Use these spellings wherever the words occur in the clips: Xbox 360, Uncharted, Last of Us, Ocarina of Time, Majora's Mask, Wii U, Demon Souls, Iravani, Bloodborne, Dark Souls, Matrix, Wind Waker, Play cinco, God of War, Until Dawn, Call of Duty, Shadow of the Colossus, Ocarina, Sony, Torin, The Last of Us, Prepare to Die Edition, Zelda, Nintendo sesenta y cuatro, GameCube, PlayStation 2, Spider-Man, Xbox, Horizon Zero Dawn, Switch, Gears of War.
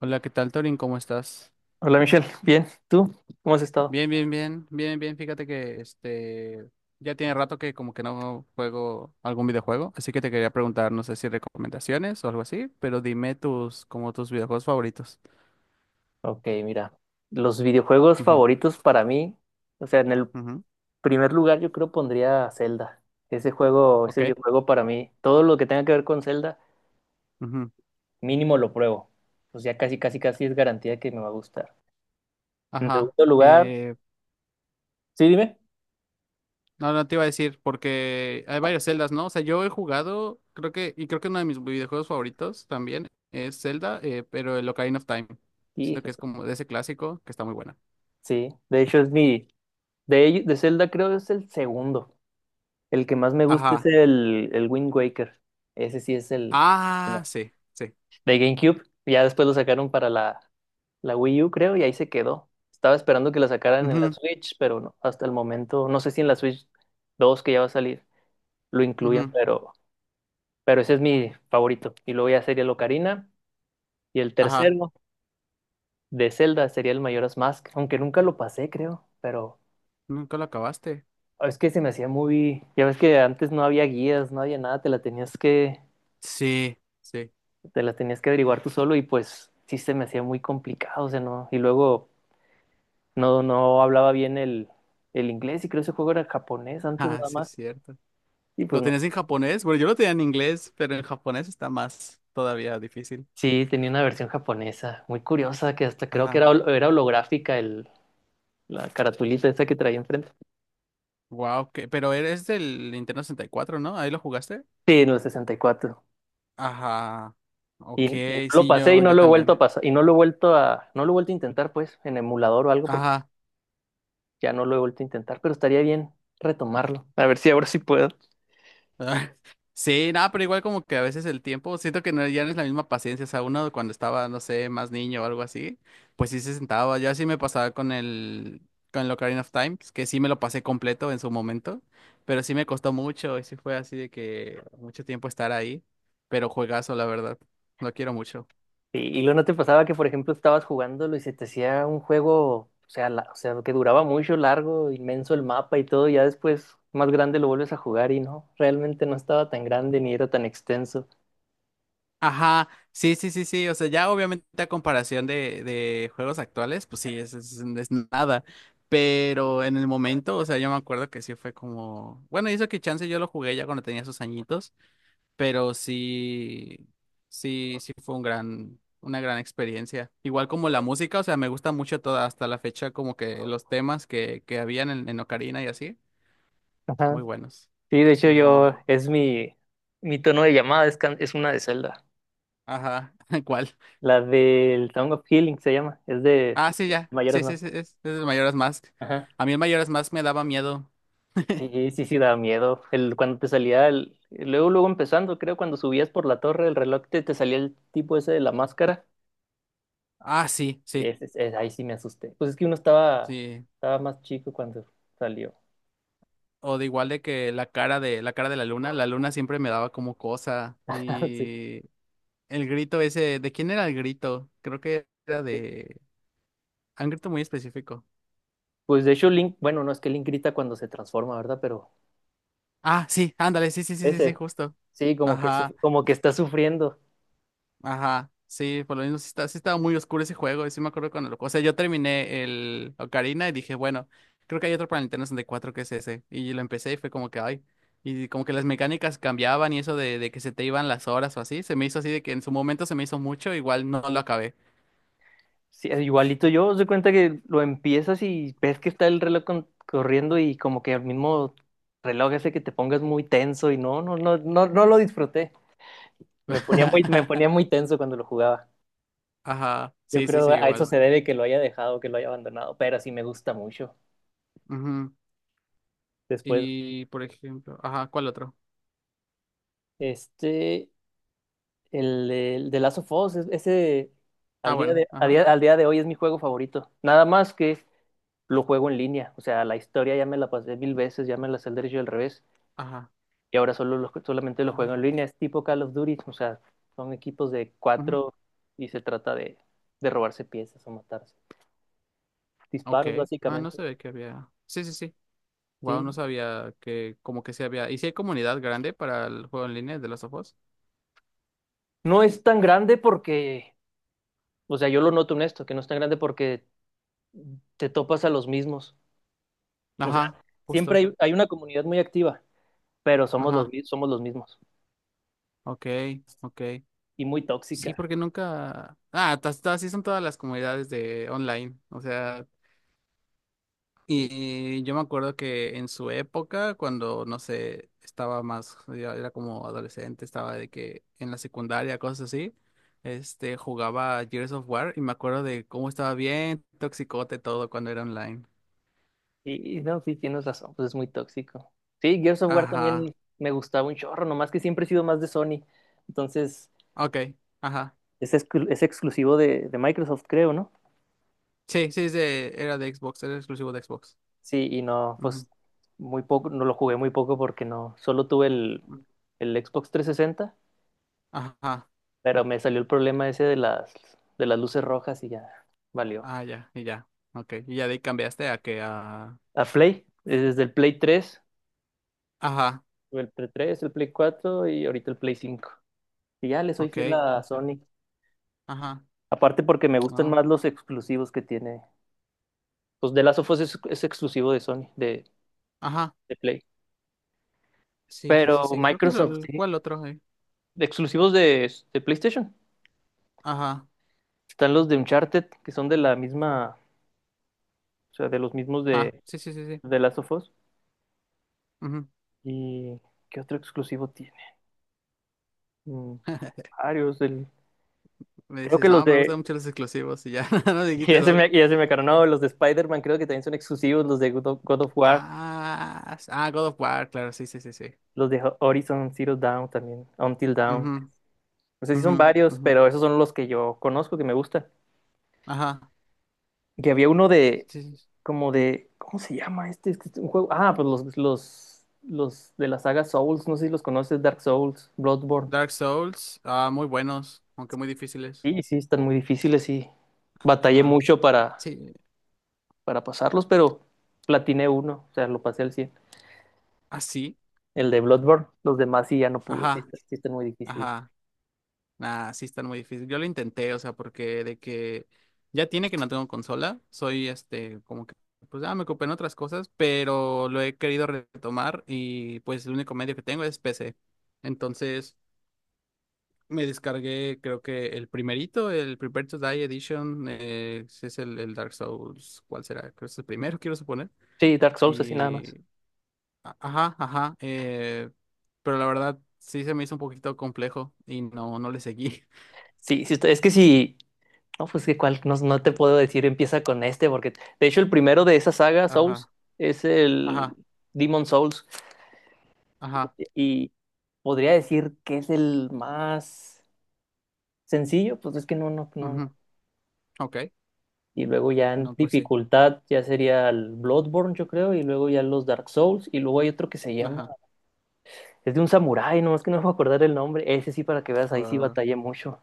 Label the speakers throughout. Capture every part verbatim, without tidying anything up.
Speaker 1: Hola, ¿qué tal, Torin? ¿Cómo estás?
Speaker 2: Hola Michelle, bien, ¿tú cómo has estado?
Speaker 1: Bien, bien, bien, bien, bien. Fíjate que este ya tiene rato que como que no juego algún videojuego, así que te quería preguntar, no sé si recomendaciones o algo así, pero dime tus como tus videojuegos favoritos.
Speaker 2: Ok, mira, los videojuegos
Speaker 1: Ujú,
Speaker 2: favoritos para mí, o sea, en el
Speaker 1: ujú,
Speaker 2: primer lugar yo creo pondría Zelda. Ese juego, ese
Speaker 1: ok,
Speaker 2: videojuego para mí, todo lo que tenga que ver con Zelda,
Speaker 1: ujú.
Speaker 2: mínimo lo pruebo. O sea, casi, casi, casi es garantía de que me va a gustar. En
Speaker 1: Ajá.
Speaker 2: segundo lugar,
Speaker 1: Eh,
Speaker 2: sí, dime.
Speaker 1: no, no te iba a decir porque hay varias celdas, ¿no? O sea, yo he jugado, creo que y creo que uno de mis videojuegos favoritos también es Zelda, eh, pero el Ocarina of Time. Siento que es
Speaker 2: Híjole,
Speaker 1: como de ese clásico que está muy buena.
Speaker 2: sí, de hecho es mi, de, ello- de Zelda creo es el segundo. El que más me gusta es
Speaker 1: Ajá.
Speaker 2: el, el Wind Waker. Ese sí es el...
Speaker 1: Ah,
Speaker 2: no,
Speaker 1: sí, sí.
Speaker 2: de GameCube. Ya después lo sacaron para la, la Wii U, creo, y ahí se quedó. Estaba esperando que la sacaran en la
Speaker 1: Ujú,
Speaker 2: Switch, pero no, hasta el momento, no sé si en la Switch dos que ya va a salir lo incluyan,
Speaker 1: ujú.
Speaker 2: pero, pero ese es mi favorito. Y luego ya sería el Ocarina, y el
Speaker 1: Ajá.
Speaker 2: tercero de Zelda sería el Majora's Mask, aunque nunca lo pasé, creo, pero
Speaker 1: ¿Nunca lo acabaste?
Speaker 2: es que se me hacía muy, ya ves que antes no había guías, no había nada, te la tenías que,
Speaker 1: Sí, sí.
Speaker 2: te la tenías que averiguar tú solo y pues sí se me hacía muy complicado, o sea, no, y luego no, no hablaba bien el, el inglés, y creo que ese juego era japonés antes
Speaker 1: Ah,
Speaker 2: nada
Speaker 1: sí,
Speaker 2: más.
Speaker 1: es cierto.
Speaker 2: Y
Speaker 1: ¿Lo
Speaker 2: pues no.
Speaker 1: tenías en japonés? Bueno, yo lo tenía en inglés, pero en japonés está más todavía difícil.
Speaker 2: Sí, tenía una versión japonesa, muy curiosa, que hasta creo que
Speaker 1: Ajá.
Speaker 2: era, hol- era holográfica el, la caratulita esa que traía enfrente.
Speaker 1: Wow, que... pero eres del Nintendo sesenta y cuatro, ¿no? ¿Ahí lo jugaste?
Speaker 2: Sí, en el sesenta y cuatro.
Speaker 1: Ajá.
Speaker 2: Y,
Speaker 1: Ok,
Speaker 2: cuatro, y y no lo
Speaker 1: sí,
Speaker 2: pasé, y
Speaker 1: yo,
Speaker 2: no
Speaker 1: yo
Speaker 2: lo he vuelto a
Speaker 1: también.
Speaker 2: pasar, y no lo he vuelto a, no lo he vuelto a intentar pues, en emulador o algo, porque
Speaker 1: Ajá.
Speaker 2: ya no lo he vuelto a intentar, pero estaría bien retomarlo. A ver si ahora sí puedo.
Speaker 1: Ah, sí, nada, pero igual como que a veces el tiempo, siento que no, ya no es la misma paciencia, o sea, uno cuando estaba, no sé, más niño o algo así, pues sí se sentaba, yo así me pasaba con el, con el Ocarina of Time, que sí me lo pasé completo en su momento, pero sí me costó mucho y sí fue así de que mucho tiempo estar ahí, pero juegazo, la verdad, lo quiero mucho.
Speaker 2: Sí, y luego no te pasaba que, por ejemplo, estabas jugándolo y se te hacía un juego, o sea, la- o sea, que duraba mucho, largo, inmenso el mapa y todo, y ya después más grande lo vuelves a jugar y no, realmente no estaba tan grande ni era tan extenso.
Speaker 1: Ajá, sí, sí, sí, sí, o sea, ya obviamente a comparación de, de juegos actuales, pues sí, es, es- es nada, pero en el momento, o sea, yo me acuerdo que sí fue como, bueno, y eso que chance yo lo jugué ya cuando tenía sus añitos, pero sí, sí, sí fue un gran, una gran experiencia. Igual como la música, o sea, me gusta mucho toda, hasta la fecha, como que los temas que, que habían en, en Ocarina y así,
Speaker 2: Ajá.
Speaker 1: muy buenos.
Speaker 2: Sí, de hecho
Speaker 1: Ujú.
Speaker 2: yo, es mi, mi tono de llamada, es, can- es una de Zelda.
Speaker 1: Ajá, ¿cuál?
Speaker 2: La del Song of Healing se llama, es de
Speaker 1: Ah, sí, ya.
Speaker 2: Mayoras
Speaker 1: Sí, sí, sí,
Speaker 2: Mask.
Speaker 1: es, es el Majora's Mask.
Speaker 2: Ajá.
Speaker 1: A mí el Majora's Mask me daba miedo.
Speaker 2: Y sí, sí, daba miedo. El, cuando te salía, el, luego, luego empezando, creo, cuando subías por la torre, el reloj te, te salía el tipo ese de la máscara.
Speaker 1: Ah, sí, sí,
Speaker 2: Es, es- es- ahí sí me asusté. Pues es que uno estaba,
Speaker 1: sí.
Speaker 2: estaba más chico cuando salió.
Speaker 1: O de igual de que la cara de la cara de la luna, la luna siempre me daba como cosa.
Speaker 2: Sí.
Speaker 1: Y el grito ese, ¿de quién era el grito? Creo que era de un grito muy específico.
Speaker 2: Pues de hecho Link, bueno, no es que Link grita cuando se transforma, ¿verdad? Pero
Speaker 1: Ah, sí, ándale, sí, sí, sí, sí, sí,
Speaker 2: ese,
Speaker 1: justo.
Speaker 2: sí, como que,
Speaker 1: Ajá.
Speaker 2: su- como que está sufriendo.
Speaker 1: Ajá, sí, por lo mismo sí, está, sí estaba muy oscuro ese juego, y sí me acuerdo cuando lo... O sea, yo terminé el Ocarina y dije, bueno, creo que hay otro para Nintendo sesenta y cuatro que es ese. Y lo empecé y fue como que, ay, y como que las mecánicas cambiaban y eso de, de que se te iban las horas o así, se me hizo así de que en su momento se me hizo mucho, igual no lo acabé.
Speaker 2: Sí, igualito yo, se cuenta que lo empiezas y ves que está el reloj con- corriendo, y como que el mismo reloj hace que te pongas muy tenso y no, no, no, no, no lo disfruté. Me ponía muy, me ponía muy tenso cuando lo jugaba.
Speaker 1: Ajá,
Speaker 2: Yo
Speaker 1: sí, sí,
Speaker 2: creo
Speaker 1: sí,
Speaker 2: a eso
Speaker 1: igual.
Speaker 2: se debe que lo haya dejado, que lo haya abandonado, pero sí me gusta mucho.
Speaker 1: Ujú.
Speaker 2: Después
Speaker 1: Y, por ejemplo, ajá, ¿cuál otro?
Speaker 2: este, el, de el de Last of Us, es- ese
Speaker 1: Ah,
Speaker 2: al día
Speaker 1: bueno,
Speaker 2: de, a
Speaker 1: ajá,
Speaker 2: día- al día de hoy es mi juego favorito. Nada más que lo juego en línea. O sea, la historia ya me la pasé mil veces, ya me la sé al derecho y al revés.
Speaker 1: ajá,
Speaker 2: Y ahora solo lo- solamente lo
Speaker 1: ajá,
Speaker 2: juego en línea. Es tipo Call of Duty. O sea, son equipos de
Speaker 1: ujú.
Speaker 2: cuatro y se trata de, de robarse piezas o matarse.
Speaker 1: Ok,
Speaker 2: Disparos,
Speaker 1: ah, no
Speaker 2: básicamente.
Speaker 1: se ve que había... Sí, sí, sí. Wow, no
Speaker 2: Sí.
Speaker 1: sabía que como que se había. ¿Y si hay comunidad grande para el juego en línea de los of Us?
Speaker 2: No es tan grande porque, o sea, yo lo noto en esto, que no es tan grande porque te topas a los mismos. O sea,
Speaker 1: Ajá,
Speaker 2: siempre
Speaker 1: justo.
Speaker 2: hay, hay una comunidad muy activa. Pero somos los,
Speaker 1: Ajá.
Speaker 2: mi- somos los mismos,
Speaker 1: Ok, ok.
Speaker 2: y muy
Speaker 1: Sí,
Speaker 2: tóxica.
Speaker 1: porque nunca. Ah, tas- tas- así son todas las comunidades de online. O sea,
Speaker 2: Y,
Speaker 1: y yo me acuerdo que en su época, cuando no sé, estaba más, ya era como adolescente, estaba de que en la secundaria, cosas así. Este, jugaba Gears of War y me acuerdo de cómo estaba bien toxicote todo cuando era online.
Speaker 2: y- y no, sí, tienes razón, pues es muy tóxico. Sí, Gears of War
Speaker 1: Ajá.
Speaker 2: también me gustaba un chorro, nomás que siempre he sido más de Sony. Entonces,
Speaker 1: Ok. Ajá.
Speaker 2: es, exclu- es exclusivo de, de Microsoft, creo, ¿no?
Speaker 1: Sí, sí, es de- era de Xbox, era exclusivo de Xbox.
Speaker 2: Sí, y no,
Speaker 1: Ujú,
Speaker 2: pues muy poco, no lo jugué muy poco porque no, solo tuve el,
Speaker 1: ujú.
Speaker 2: el Xbox trescientos sesenta,
Speaker 1: Ajá,
Speaker 2: pero me salió el problema ese de las, de las luces rojas y ya valió.
Speaker 1: ah, ya, y ya, ok, y ya de ahí cambiaste a que a...
Speaker 2: A Play, desde el Play tres,
Speaker 1: Ajá,
Speaker 2: tuve el Play tres, el Play cuatro y ahorita el Play cinco. Y ya le soy
Speaker 1: ok,
Speaker 2: fiel a
Speaker 1: ok,
Speaker 2: Sony.
Speaker 1: ajá,
Speaker 2: Aparte porque me gustan más
Speaker 1: no,
Speaker 2: los exclusivos que tiene. Pues The Last of Us es, es exclusivo de Sony, de,
Speaker 1: ajá,
Speaker 2: de Play.
Speaker 1: sí, sí,
Speaker 2: Pero
Speaker 1: sí, sí, creo que es
Speaker 2: Microsoft,
Speaker 1: el...
Speaker 2: sí.
Speaker 1: ¿Cuál otro? ¿Eh?
Speaker 2: De exclusivos de, de PlayStation.
Speaker 1: Ajá,
Speaker 2: Están los de Uncharted, que son de la misma, o sea, de los mismos
Speaker 1: ah,
Speaker 2: de
Speaker 1: sí, sí, sí, sí,
Speaker 2: de Last of Us.
Speaker 1: ujú.
Speaker 2: ¿Y qué otro exclusivo tiene? Mm, varios. del-
Speaker 1: Me
Speaker 2: Creo que
Speaker 1: dices,
Speaker 2: los
Speaker 1: no, me gustan
Speaker 2: de...
Speaker 1: mucho los exclusivos y ya, no dijiste
Speaker 2: Ya se
Speaker 1: dos.
Speaker 2: me, ya se me acabaron. No, los de Spider-Man creo que también son exclusivos. Los de God of God of War,
Speaker 1: Ah, s- ah, God of War, claro, sí, sí, sí, sí.
Speaker 2: los de Horizon Zero Dawn también. Until Dawn.
Speaker 1: Ujú,
Speaker 2: No sé si
Speaker 1: ujú,
Speaker 2: son varios,
Speaker 1: ujú.
Speaker 2: pero esos son los que yo conozco, que me gustan.
Speaker 1: Ajá,
Speaker 2: Que había uno
Speaker 1: sí,
Speaker 2: de,
Speaker 1: sí, sí.
Speaker 2: como de, ¿cómo se llama este? Es que es un juego. Ah, pues los, los, los de la saga Souls, no sé si los conoces, Dark Souls, Bloodborne.
Speaker 1: Dark Souls, ah, muy buenos, aunque muy difíciles.
Speaker 2: Sí, sí, están muy difíciles, y batallé
Speaker 1: Ajá.
Speaker 2: mucho para,
Speaker 1: Sí.
Speaker 2: para pasarlos, pero platiné uno, o sea, lo pasé al cien.
Speaker 1: Así.
Speaker 2: El de Bloodborne, los demás sí ya no pude, sí,
Speaker 1: Ajá.
Speaker 2: sí están muy difíciles.
Speaker 1: Ajá. Nah, sí están muy difícil. Yo lo intenté, o sea, porque de que ya tiene que no tengo consola. Soy este, como que, pues ya me ocupé en otras cosas, pero lo he querido retomar y pues el único medio que tengo es P C. Entonces me descargué, creo que el primerito, el Prepare to Die Edition, eh, ese es el, el Dark Souls, ¿cuál será? Creo que es el primero, quiero suponer.
Speaker 2: Sí, Dark Souls, así nada más.
Speaker 1: y a- Ajá, ajá. eh, pero la verdad sí se me hizo un poquito complejo y no, no le seguí.
Speaker 2: Sí, sí está- es que sí no, pues que cual, no, no te puedo decir, empieza con este, porque de hecho el primero de esa saga, Souls,
Speaker 1: Ajá,
Speaker 2: es el
Speaker 1: ajá,
Speaker 2: Demon Souls,
Speaker 1: ajá,
Speaker 2: y podría decir que es el más sencillo, pues es que no, no, no, no.
Speaker 1: ujú, ok,
Speaker 2: Y luego ya en
Speaker 1: no, pues sí.
Speaker 2: dificultad ya sería el Bloodborne, yo creo, y luego ya los Dark Souls, y luego hay otro que se llama,
Speaker 1: Ajá,
Speaker 2: es de un samurái, no, es que no me puedo acordar el nombre, ese sí para que veas, ahí sí
Speaker 1: wow,
Speaker 2: batallé mucho,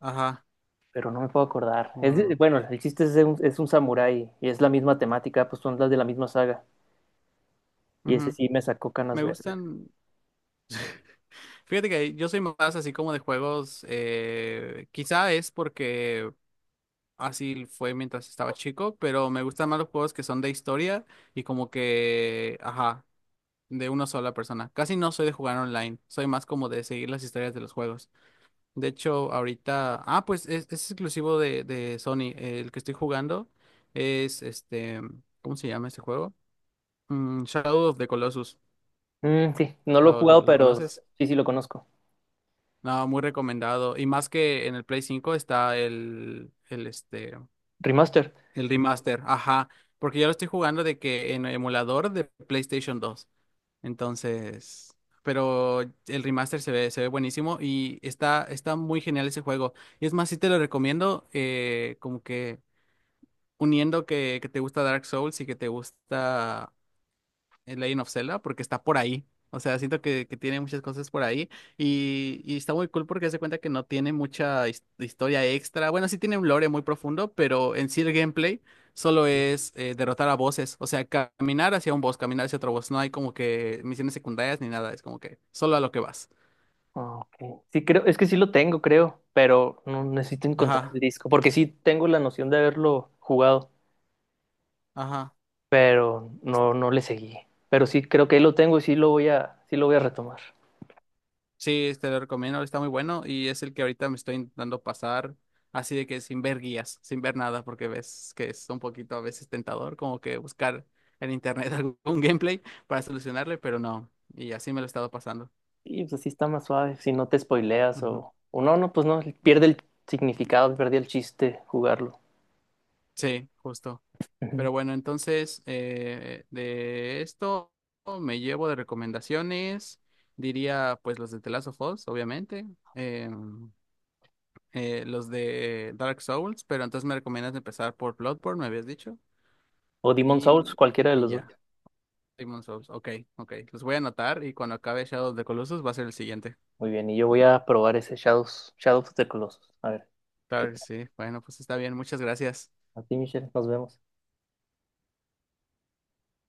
Speaker 1: ajá,
Speaker 2: pero no me puedo acordar. Es de-
Speaker 1: wow,
Speaker 2: bueno, el chiste es de un, es un samurái, y es la misma temática, pues son las de la misma saga. Y ese
Speaker 1: ujú.
Speaker 2: sí me sacó canas
Speaker 1: Me
Speaker 2: verdes.
Speaker 1: gustan. Fíjate que yo soy más así como de juegos. Eh, quizá es porque así fue mientras estaba chico, pero me gustan más los juegos que son de historia y como que, ajá, de una sola persona. Casi no soy de jugar online, soy más como de seguir las historias de los juegos. De hecho, ahorita, ah, pues es, es exclusivo de, de Sony. El que estoy jugando es este, ¿cómo se llama este juego? Mm, Shadow of the Colossus.
Speaker 2: Mm, sí, no lo he
Speaker 1: ¿Lo, lo,
Speaker 2: jugado,
Speaker 1: lo
Speaker 2: pero
Speaker 1: conoces?
Speaker 2: sí, sí lo conozco.
Speaker 1: No, muy recomendado. Y más que en el Play cinco está el, el este,
Speaker 2: Remaster.
Speaker 1: el remaster, ajá. Porque yo lo estoy jugando de que en emulador de PlayStation dos. Entonces, pero el remaster se ve, se ve buenísimo y está, está muy genial ese juego. Y es más, sí te lo recomiendo, eh, como que uniendo que, que te gusta Dark Souls y que te gusta el Legend of Zelda porque está por ahí. O sea, siento que, que tiene muchas cosas por ahí y, y está muy cool porque se cuenta que no tiene mucha his- historia extra. Bueno, sí tiene un lore muy profundo, pero en sí el gameplay solo es eh, derrotar a bosses. O sea, caminar hacia un boss, caminar hacia otro boss. No hay como que misiones secundarias ni nada. Es como que solo a lo que vas.
Speaker 2: Ah, ok. Sí, creo, es que sí lo tengo, creo, pero no necesito encontrar el
Speaker 1: Ajá,
Speaker 2: disco, porque sí tengo la noción de haberlo jugado,
Speaker 1: ajá.
Speaker 2: pero no, no le seguí. Pero sí creo que ahí lo tengo y sí lo voy a, sí lo voy a retomar.
Speaker 1: Sí, te lo recomiendo, está muy bueno y es el que ahorita me estoy intentando pasar así de que sin ver guías, sin ver nada, porque ves que es un poquito a veces tentador como que buscar en internet algún gameplay para solucionarle, pero no, y así me lo he estado pasando.
Speaker 2: Y pues así está más suave, si no te spoileas
Speaker 1: Ujú.
Speaker 2: o, o no, no, pues no, pierde el significado, pierde el chiste jugarlo.
Speaker 1: Sí, justo.
Speaker 2: Ujú.
Speaker 1: Pero bueno, entonces eh, de esto me llevo de recomendaciones, diría pues los de The Last of Us, obviamente, em, eh, los de Dark Souls, pero entonces me recomiendas empezar por Bloodborne, me habías dicho.
Speaker 2: O Demon Souls,
Speaker 1: Y,
Speaker 2: cualquiera de
Speaker 1: y
Speaker 2: los dos.
Speaker 1: ya. Demon Souls. Ok, ok. Los voy a anotar y cuando acabe Shadow of the Colossus va a ser el siguiente.
Speaker 2: Muy bien, y yo voy a probar ese Shadows, Shadows of the Colossus. A ver, ¿qué
Speaker 1: Claro que
Speaker 2: tal?
Speaker 1: sí. Bueno, pues está bien. Muchas gracias.
Speaker 2: A ti, Michelle, nos vemos.